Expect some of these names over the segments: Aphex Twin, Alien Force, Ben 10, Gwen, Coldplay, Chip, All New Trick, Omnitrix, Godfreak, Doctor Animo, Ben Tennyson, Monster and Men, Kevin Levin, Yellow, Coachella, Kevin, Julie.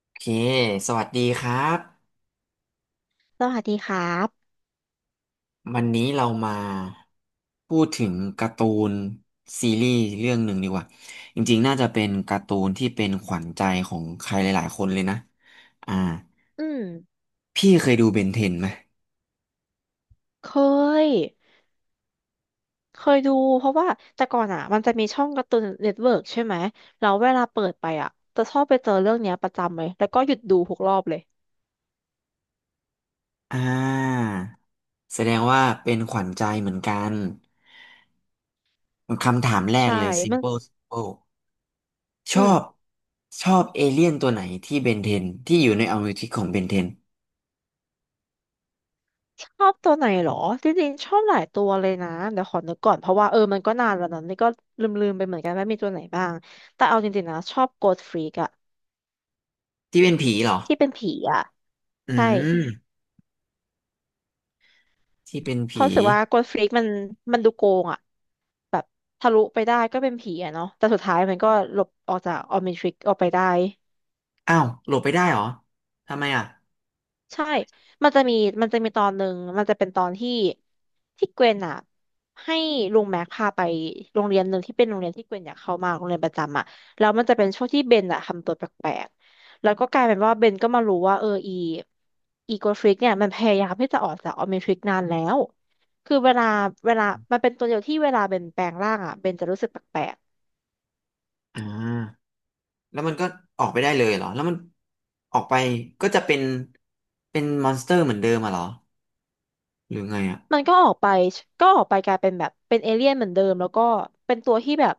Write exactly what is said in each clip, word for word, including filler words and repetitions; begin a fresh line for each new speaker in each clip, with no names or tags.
โอเค สวัสดีครับ
สวัสดีครับ
วันนี้เรามาพูดถึงการ์ตูนซีรีส์เรื่องหนึ่งดีกว่าจริงๆ น่าจะเป็นการ์ตูนที่เป็นขวัญใจของใครหลายๆคนเลยนะ อ่า
อืม
พี่เคยดูเบนเทนไหม
เคยเคยดูเพราะว่าแต่ก่อนอ่ะมันจะมีช่องการ์ตูนเน็ตเวิร์กใช่ไหมแล้วเวลาเปิดไปอ่ะจะชอบไปเจอเรื่องเนี้ยประจำเลยแล้วก็หยุดดูทุกรอบเลย
อ่า แสดงว่าเป็นขวัญใจเหมือนกันคำถามแรก
ใช่
เลย
มัน
simple simple ช
อื
อ
ม
บชอบเอเลี่ยนตัวไหนที่เบนเทนที่อยู่ในอเมริกาของเบนเทน
ชอบตัวไหนเหรอจริงๆชอบหลายตัวเลยนะเดี๋ยวขอนึกก่อน เพราะว่าเออมันก็นานแล้วนะนี่ก็ลืมๆไปเหมือนกันว่ามีตัวไหนบ้าง แต่เอาจริงๆนะชอบโกดฟรีกอะ
ที่เป็นผีเหรอ
ที่เป็นผีอะ
อื
ใช่
ม ที่เป็น
เพราะ
ผี
รู้สึกว่าโกดฟรีกมันมันดูโกงอะ แบบทะลุไปได้ก็เป็นผีอะเนาะแต่สุดท้ายมันก็หลบออกจากออมนิทริกออกไปได้
อ้าวโหลบไปได้เหรอทำไมอ่ะ
ใช่มันจะมีมันจะมีตอนหนึ่งมันจะเป็นตอนที่ที่เกวนอะให้ลุงแม็กพาไปโรงเรียนหนึ่งที่เป็นโรงเรียนที่เกวนอยากเข้ามากโรงเรียนประจำอะแล้วมันจะเป็นช่วงที่เบนอะทำตัวแปลกๆแล้วก็กลายเป็นว่าเบนก็มารู้ว่าเอออีอีโกทริกเนี่ยมันพยายามที่จะออกจากออมนิทริกนานแล้วคือเวลาเวลามันเป็นตัวเดียวที่เวลาเบนแปลงร่างอะเบนจะรู้สึกแปลกๆ
อ่าแล้วมันก็ออกไปได้เลยเหรอแล้วมันออกไปก็จะเป็นเป็นมอนสเตอร์เหมือนเดิมอ่ะเหรอหรือไงอ่ะ
มันก็ออกไปก็ออกไปกลายเป็นแบบเป็นเอเลี่ยนเหมือนเดิมแล้วก็เป็นตัวที่แบบ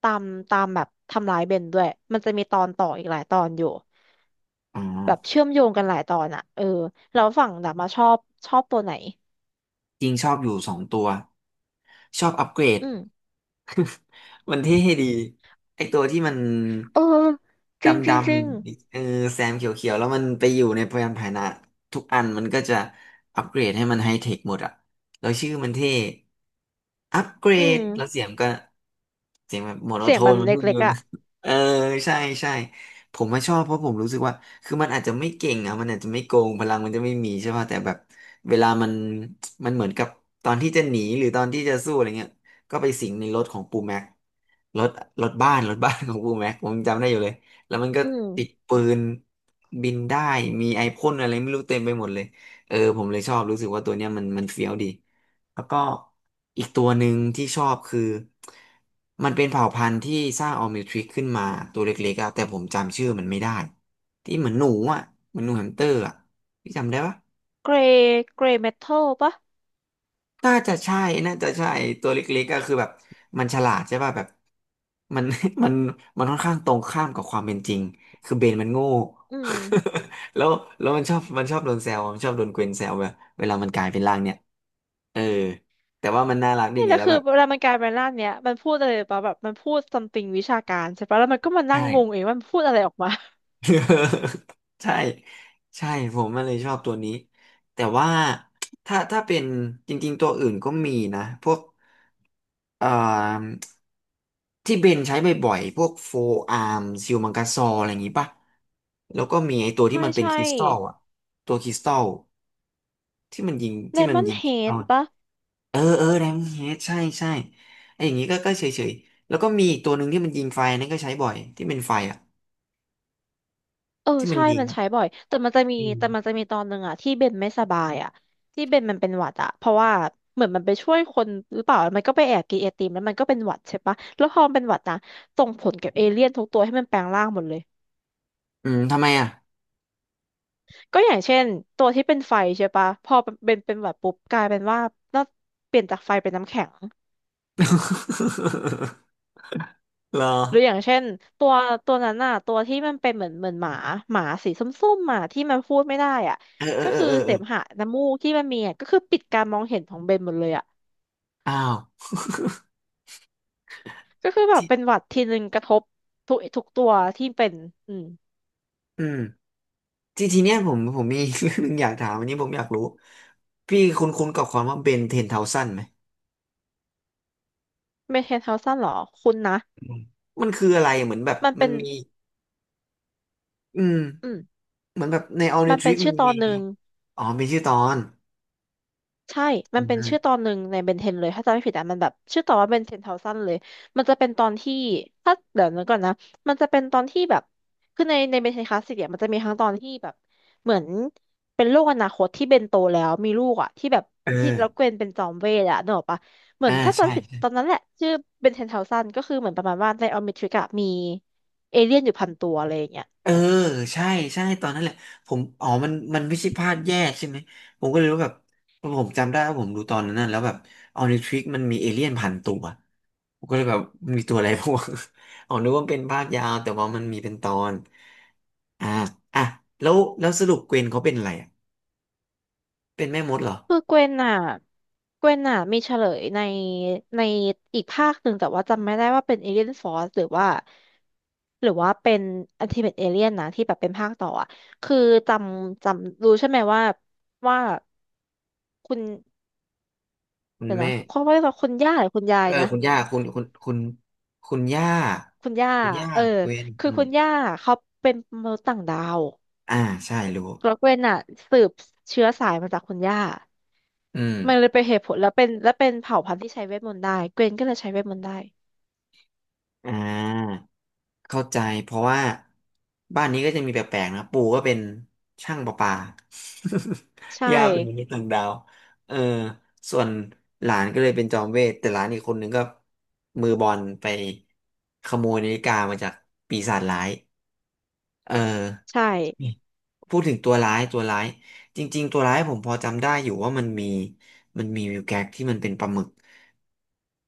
ตามตามแบบทำร้ายเบนด้วยมันจะมีตอนต่ออีกหลายตอนอยู่
อ๋อ
แบบเชื่อมโยงกันหลายตอนอ่ะเออแล้วฝั่งดาบมาชอบชอบตัวไหน
จริงชอบอยู่สองตัวชอบอัปเกรด
อืม
มันเท่ดีไอตัวที่มัน
เออจริง
ดำ
จ
ด
ริงจริง
ำเออแซมเขียวๆแล้วมันไปอยู่ในพยานพาหนะทุกอันมันก็จะอัปเกรดให้มันไฮเทคหมดอะแล้วชื่อมันเท่อัปเกร
อื
ด
ม
แล้วเสียงก็เสียงแบบโมโน
เสี
โท
ยงมั
น
น
มัน
เล
เพิ่ง
็
อ
ก
ยู
ๆอ่ะ
นะ เออใช่ใช่ ผมมาชอบเพราะผมรู้สึกว่าคือมันอาจจะไม่เก่งอ่ะมันอาจจะไม่โกง พลังมันจะไม่มีใช่ป่ะแต่แบบเวลามันมันเหมือนกับตอนที่จะหนีหรือตอนที่จะสู้อะไรเงี้ยก็ไปสิงในรถของปูแม็กรถรถบ้านรถบ้าน ของปูแม็กผมจำได้อยู่เลย แล้วมันก็
อืม
ติดปืนบินได้มีไอพ่นอะไรไม่รู้เต็มไปหมดเลยเออผมเลยชอบรู้สึกว่าตัวเนี้ยมันมันเฟี้ยวดี แล้วก็อีกตัวหนึ่งที่ชอบคือมันเป็นเผ่าพันธุ์ที่สร้างออร์มิวทริกขึ้นมาตัวเล็กๆอะแต่ผมจำชื่อมันไม่ได้ที่เหมือนหนูอ่ะเหมือนหนูแฮมสเตอร์อ่ะพี่จำได้ปะ
เกรย์เกรย์เมทัลปะ
น่าจะใช่น่าจะใช่ตัวเล็กๆก็คือแบบมันฉลาดใช่ป่ะแบบมัน มันมันค่อนข้างตรงข้ามกับความเป็นจริงคือเบนมันโง่
อืม
แล้วแล้วมันชอบมันชอบโดนแซวมันชอบโดนเกวนแซวแบบเวลามันกลายเป็นร่างเนี่ยเออแต่ว่ามันน่ารักดี
นี่
ไง
แหละ
แล้ว
คือ
แบบ
เวลามันกลายเป็นร่างเนี้ยมันพูดอะไรปะแบบมันพูด something วิชาการใช่ปะแล้วมันก็มานั่
ใช่
งงงเองว่ามันพูดอะไรออกมา
ใช่ใช่ผมมันเลยชอบตัวนี้แต่ว่าถ้าถ้าเป็นจริงๆตัวอื่นก็มีนะพวกเอ่อที่เบนใช้บ่อยๆพวกโฟอาร์มซิลมังกาซออะไรอย่างงี้ป่ะแล้วก็มีไอ้ตัวที่
ใช่
มันเป็น
ใช่
คริสตัลอะตัวคริสตัลที่มันยิง
เล
ที่มั
ม
น
อน
ยิง
เฮ
คริสตั
ด
ล
ปะ
เออเออแดมเฮดใช่ใช่ไอ้อย่างงี้ก็ก็เฉยๆแล้วก็มีอีกตัวหนึ่งที่มันยิงไฟนั่นก็ใช้บ่อยที่เป็นไฟอะ
เออ
ที่มัน
ใช่
ยิง
มันใช้บ่อยแต่มันจะมี
อืม
แต่มันจะมีตอนหนึ่งอะที่เบนไม่สบายอะที่เบนมันเป็นหวัดอะเพราะว่าเหมือนมันไปช่วยคนหรือเปล่ามันก็ไปแอบกินไอติมแล้วมันก็เป็นหวัดใช่ปะแล้วพอมันเป็นหวัดนะส่งผลกับเอเลี่ยนทุกตัวให้มันแปลงร่างหมดเลย
อืมทำไมอะ
ก็อย่างเช่นตัวที่เป็นไฟใช่ปะพอเป็นเป็นหวัดปุ๊บกลายเป็นว่าน่าเปลี่ยนจากไฟเป็นน้ำแข็ง
เหรอ
หรืออย่างเช่นตัวตัวนั้นน่ะตัวที่มันเป็นเหมือนเหมือนหมาหมาสีส้มๆอ่ะที่มันพูดไม่ได้อ่ะ
เออเออ
ก็
เออ
คือ
เออ
เส
เออ
มหะน้ำมูกที่มันมีอ่ะก็คือปิดการมองเห็นของเบนหมดเลยอ่ะ
อ้าว
ก็คือแบบ
ที่
เป็นหวัดทีนึงกระทบทุกทุกตัวที่เป็นอืม
อืมที่ทีเนี้ยผมผมมี เรื่องหนึงอยากถามอันนี้ผมอยากรู้พี่คุ้นคุ้นกับความว่าเบนเทนเทาซันไหม
เมนเทนเฮาซันเหรอคุณนะ
อืมมันคืออะไรเหมือนแบบ
มัน
มั
เป็
น
น
มี อืม
อืม
เหมือนแบบใน All
มั
New
นเป็น
Trick มั
ชื่
น
อตอ
มี
นหนึ่ง
อ๋อมีชื่อตอน
ใช่
อื
มันเป็น
ม
ชื่อตอนหนึ่งในเบนเทนเลยถ้าจำไม่ผิดอะมันแบบชื่อตอนว่าเบนเทนเทาซันเลยมันจะเป็นตอนที่ถ้าเดี๋ยวนึกก่อนนะมันจะเป็นตอนที่แบบคือในในเบนเทนคลาสสิกเนี่ยมันจะมีทั้งตอนที่แบบเหมือนเป็นโลกอนาคตที่เบนโตแล้วมีลูกอะที่แบบ
เอ
ที่แล้วเก
อ
วนเป็นจอมเวทอะนึกออกปะเหมือ
อ่า
นถ้าจำ
ใช่
ไม่ผิดตอนนั้นแหละชื่อเบนเทนเทาซันก็คือเหมือนประมาณว่าในออมนิทริกอะมีเอเลี่ยนอยู่พันตัวอะไรอย่างเงี้ย
เออใช่ใช่ตอนนั้นแหละผมอ๋อมันมันไม่ใช่พลาดแยกใช่ไหมผมก็เลยรู้แบบผมจำได้ว่าผมดูตอนนั้นน่ะแล้วแบบออนิทริกมันมีเอเลี่ยนพันตัว ผมก็เลยแบบมันมีตัวอะไรพวก อ๋อนึกว่ามันเป็นภาคยาวแต่ว่ามันมีเป็นตอน อ่าอ่ะแล้วแล้วสรุปเกวนเขาเป็นอะไรอ่ะ เป็นแม่มดเหรอ
คือเกวนอ่ะเกวนอ่ะมีเฉลยในในอีกภาคหนึ่งแต่ว่าจำไม่ได้ว่าเป็นเอเลียนฟอร์สหรือว่าหรือว่าเป็นอันติเมทเอเลียนนะที่แบบเป็นภาคต่ออ่ะคือจำจำรู้ใช่ไหมว่าว่าคุณ
คุณ
เดี๋ยวนะ
แม่
เขาเรียกว่าคุณย่าหรือคุณยา
เอ
ย
อ
นะ
คุณย่าคุณคุณคุณคุณย่า
คุณย่า
คุณย่า
เออ
เกวน
คื
อื
อ
ม
คุณย่าเขาเป็นมนุษย์ต่างดาว
อ่าใช่รู้
แล้วเกวนอ่ะสืบเชื้อสายมาจากคุณย่า
อืม
มันเลยเป็นเหตุผลแล้วเป็นและเป็นเผ่าพันธุ์ที่ใช้เวทมนต์ได้เกวนก็เลยใช้เวทมนต์ได้
อ่า เข้าใจเพราะว่าบ้านนี้ก็จะมีแปลกๆนะปู่ก็เป็นช่างประปา
ใช่
ย่าเป็นมนุษย์ต่างดาวเออส่วนหลานก็เลยเป็นจอมเวทแต่หลานอีกคนหนึ่งก็มือบอลไปขโมยนาฬิกามาจากปีศาจร้ายเออ
ใช่
พูดถึงตัวร้ายตัวร้ายจริงๆตัวร้ายผมพอจำได้อยู่ว่ามันมีมันมีวิวแก๊กที่มันเป็นปลาหมึก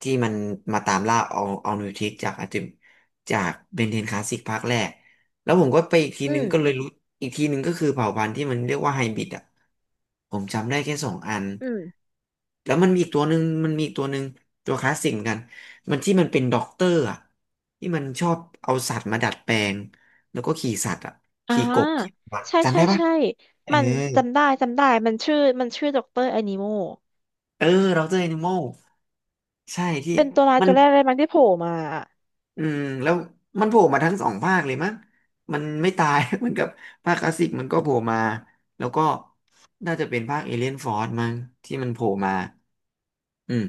ที่มันมาตามล่าเอาเอานิวทิกจากอาจิมจากเบนเทนคลาสสิกภาคแรกแล้วผมก็ไปอีกที
อื
นึง
ม
ก็เลยรู้อีกทีนึงก็คือเผ่าพันธุ์ที่มันเรียกว่าไฮบริดอ่ะผมจำได้แค่สองอัน
อืม
แล้วมันมีอีกตัวหนึ่งมันมีอีกตัวหนึ่งตัวคลาสสิกเหมือนกันมันที่มันเป็นด็อกเตอร์อ่ะที่มันชอบเอาสัตว์มาดัดแปลงแล้วก็ขี่สัตว์อ่ะ
อ่า
ขี่กบ
ใช่
จำ
ใช่
ได้ปะ
ใช่
เออ
มันจำได้จำได้ มันชื่อ มันชื่อด็อกเตอร์อนิโม
เออเราเจอ animal ใช่ที่
เป็นตัวร้าย
มัน
ตัวแรกเลยมั้งที่โผล่มาอะ
อืมแล้วมันโผล่มาทั้งสองภาคเลยมั้งมันไม่ตาย เหมือนกับภาคคลาสสิกมันก็โผล่มาแล้วก็น่าจะเป็นภาคเอเลียนฟอร์มั้งที่มันโผล่มาอืม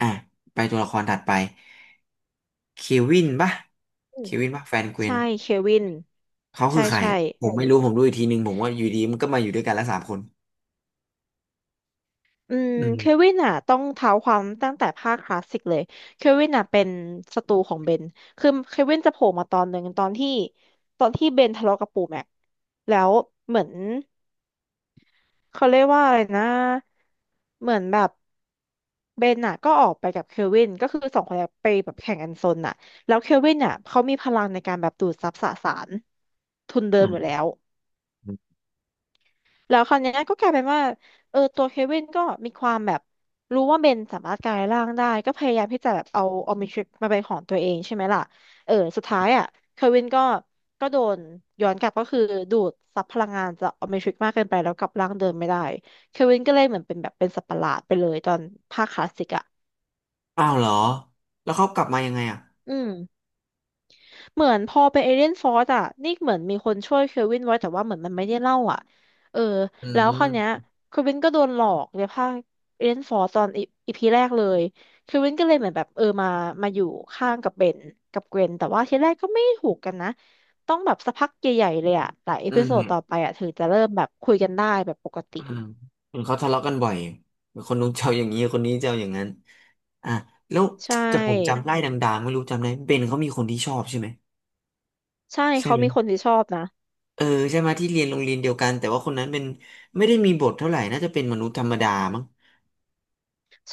อ่ะไปตัวละครถัดไปเควินปะ
อื
เค
ม
วินปะแฟนเกวน
ใช่เควิน
เขาคื
ใช่
อใคร
ใช่
อ่ะผมไม่รู้ผมดูอีกทีนึงผมว่าอยู่ดีมันก็มาอยู่ด้วยกันแล้วสามคน
อืม
อื
เค
ม
วินอ่ะต้องเท้าความตั้งแต่ภาคคลาสสิกเลยเควินอ่ะเป็นศัตรูของเบนคือเควินจะโผล่มาตอนหนึ่งตอนที่ตอนที่เบนทะเลาะกับปู่แม็กแล้วเหมือน เขาเรียกว่าอะไรนะ เหมือนแบบเบนน่ะก็ออกไปกับเคลวินก็คือสองคนเนี้ยไปแบบแข่งกันซนน่ะแล้วเคลวินน่ะเขามีพลังในการแบบดูดซับสสารทุนเดิ
อื
มอยู่แล้
ม
ว แล้วคราวเนี้ยก็กลายเป็นว่าเออตัวเควินก็มีความแบบรู้ว่าเบนสามารถกลายร่างได้ก็พยายามที่จะแบบเอาออมนิทริกมาเป็นของตัวเองใช่ไหมล่ะเออสุดท้ายอ่ะเควินก็ก็โดนย้อนกลับก็คือดูดซับพลังงานจากออมนิทริกมากเกินไปแล้วกลับร่างเดิมไม่ได้เควินก็เลยเหมือนเป็นแบบเป็นสัตว์ประหลาดไปเลยตอนภาคคลาสสิกอ่ะ
อ้าวเหรอแล้วเขากลับมายังไงอ่ะ
อืม เหมือนพอเป็นเอเลียนฟอร์สอ่ะนี่เหมือนมีคนช่วยเควินไว้แต่ว่าเหมือนมันไม่ได้เล่าอ่ะเออ
อื
แล้วคราวเนี้ย
ม
เควินก็โดนหลอกในภาคเอเลียนฟอร์สตอนอีพีแรกเลยเควินก็เลยเหมือนแบบเออมามาอยู่ข้างกับเบนกับเกวนแต่ว่าทีแรกก็ไม่ถูกกันนะต้องแบบสักพักใหญ่ๆเลยอ่ะหลายเอ
อื
พิโซดต่อ
ม
ไปอ่ะถึงจะเริ่มแบบคุยกันได้แบบปกติ
อืมเห็นเขาทะเลาะกันบ่อยคนนู้นเจ้าอย่างนี้คนนี้เจ้าอย่างนั้นอ่ะแล้ว
ใช
แต่ผมจำ
่
ไล่ดังๆไม่รู้จำได้เบนเขามีคนที่ชอบใช่ไหม
ใช่
ใช่
เขา
ไหม
มีคนที่ชอบนะ
เออใช่ไหมที่เรียนโรงเรียนเดียวกันแต่ว่าคนนั้นเป็นไม่ได้มีบทเท่าไหร่น่าจะเป็นมนุษย์ธรรมดามั้ง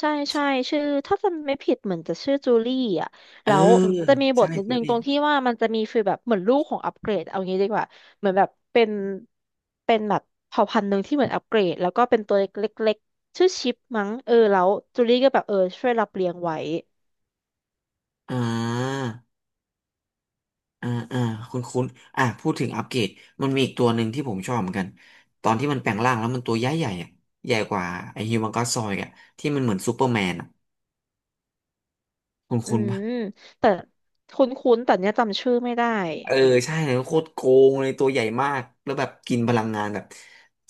ใช่ใช่ชื่อถ้าจำไม่ผิดเหมือนจะชื่อจูลี่อ่ะ
เออ
แล้วจะมีบ
ใช่
ทนิด
คุณ
นึง
ลี่
ตรงที่ว่ามันจะมีฟีลแบบเหมือนลูกของอัปเกรดเอางี้ดีกว่าเหมือนแบบเป็นเป็นแบบเผ่าพันธุ์หนึ่งที่เหมือนอัปเกรดแล้วก็เป็นตัวเล็กๆชื่อชิปมั้งเออแล้วจูลี่ก็แบบเออช่วยรับเลี้ยงไว้
อ่า อ่าอ่าคุณคุณอ่าพูดถึงอัปเกรดมันมีอีกตัวหนึ่งที่ผมชอบเหมือนกันตอนที่มันแปลงร่างแล้วมันตัวใหญ่ใหญ่อะใหญ่กว่าไอ้ฮิวแมนก็อดซอยด์อ่ะที่มันเหมือนซูเปอร์แมนอ่ะคุณ
อื
คุณปะ
มแต่คุ้นๆแต่เนี้ยจำชื่อไม่ได้
เออใช่เลยโคตรโกงเลยตัวใหญ่มากแล้วแบบกินพลังงานแบบ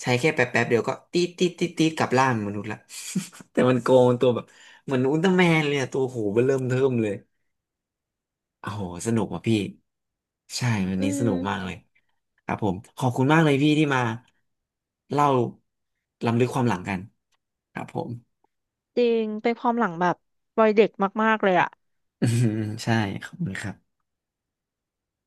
ใช้แค่แป๊บแป๊บเดียวก็ตีดตีดตีดตีดกลับร่างมนุษย์ละ แต่มันโกงตัวแบบเหมือนอุลตร้าแมนเลยอะตัวโหเบ้อเริ่มเทิ่มเลย โอ้โห สนุกว่ะพี่ ใช่ วัน
อื
นี้สนุกมาก
ม
เลยครับผม ขอบคุณมากเลยพี่ที่มาเล่าล้ำลึกความหลังกันครับผม
จริงเป็นความหลังแบบวัยเด็กมากๆเลยอ่ะ
อืมใช่ขอบคุณครับ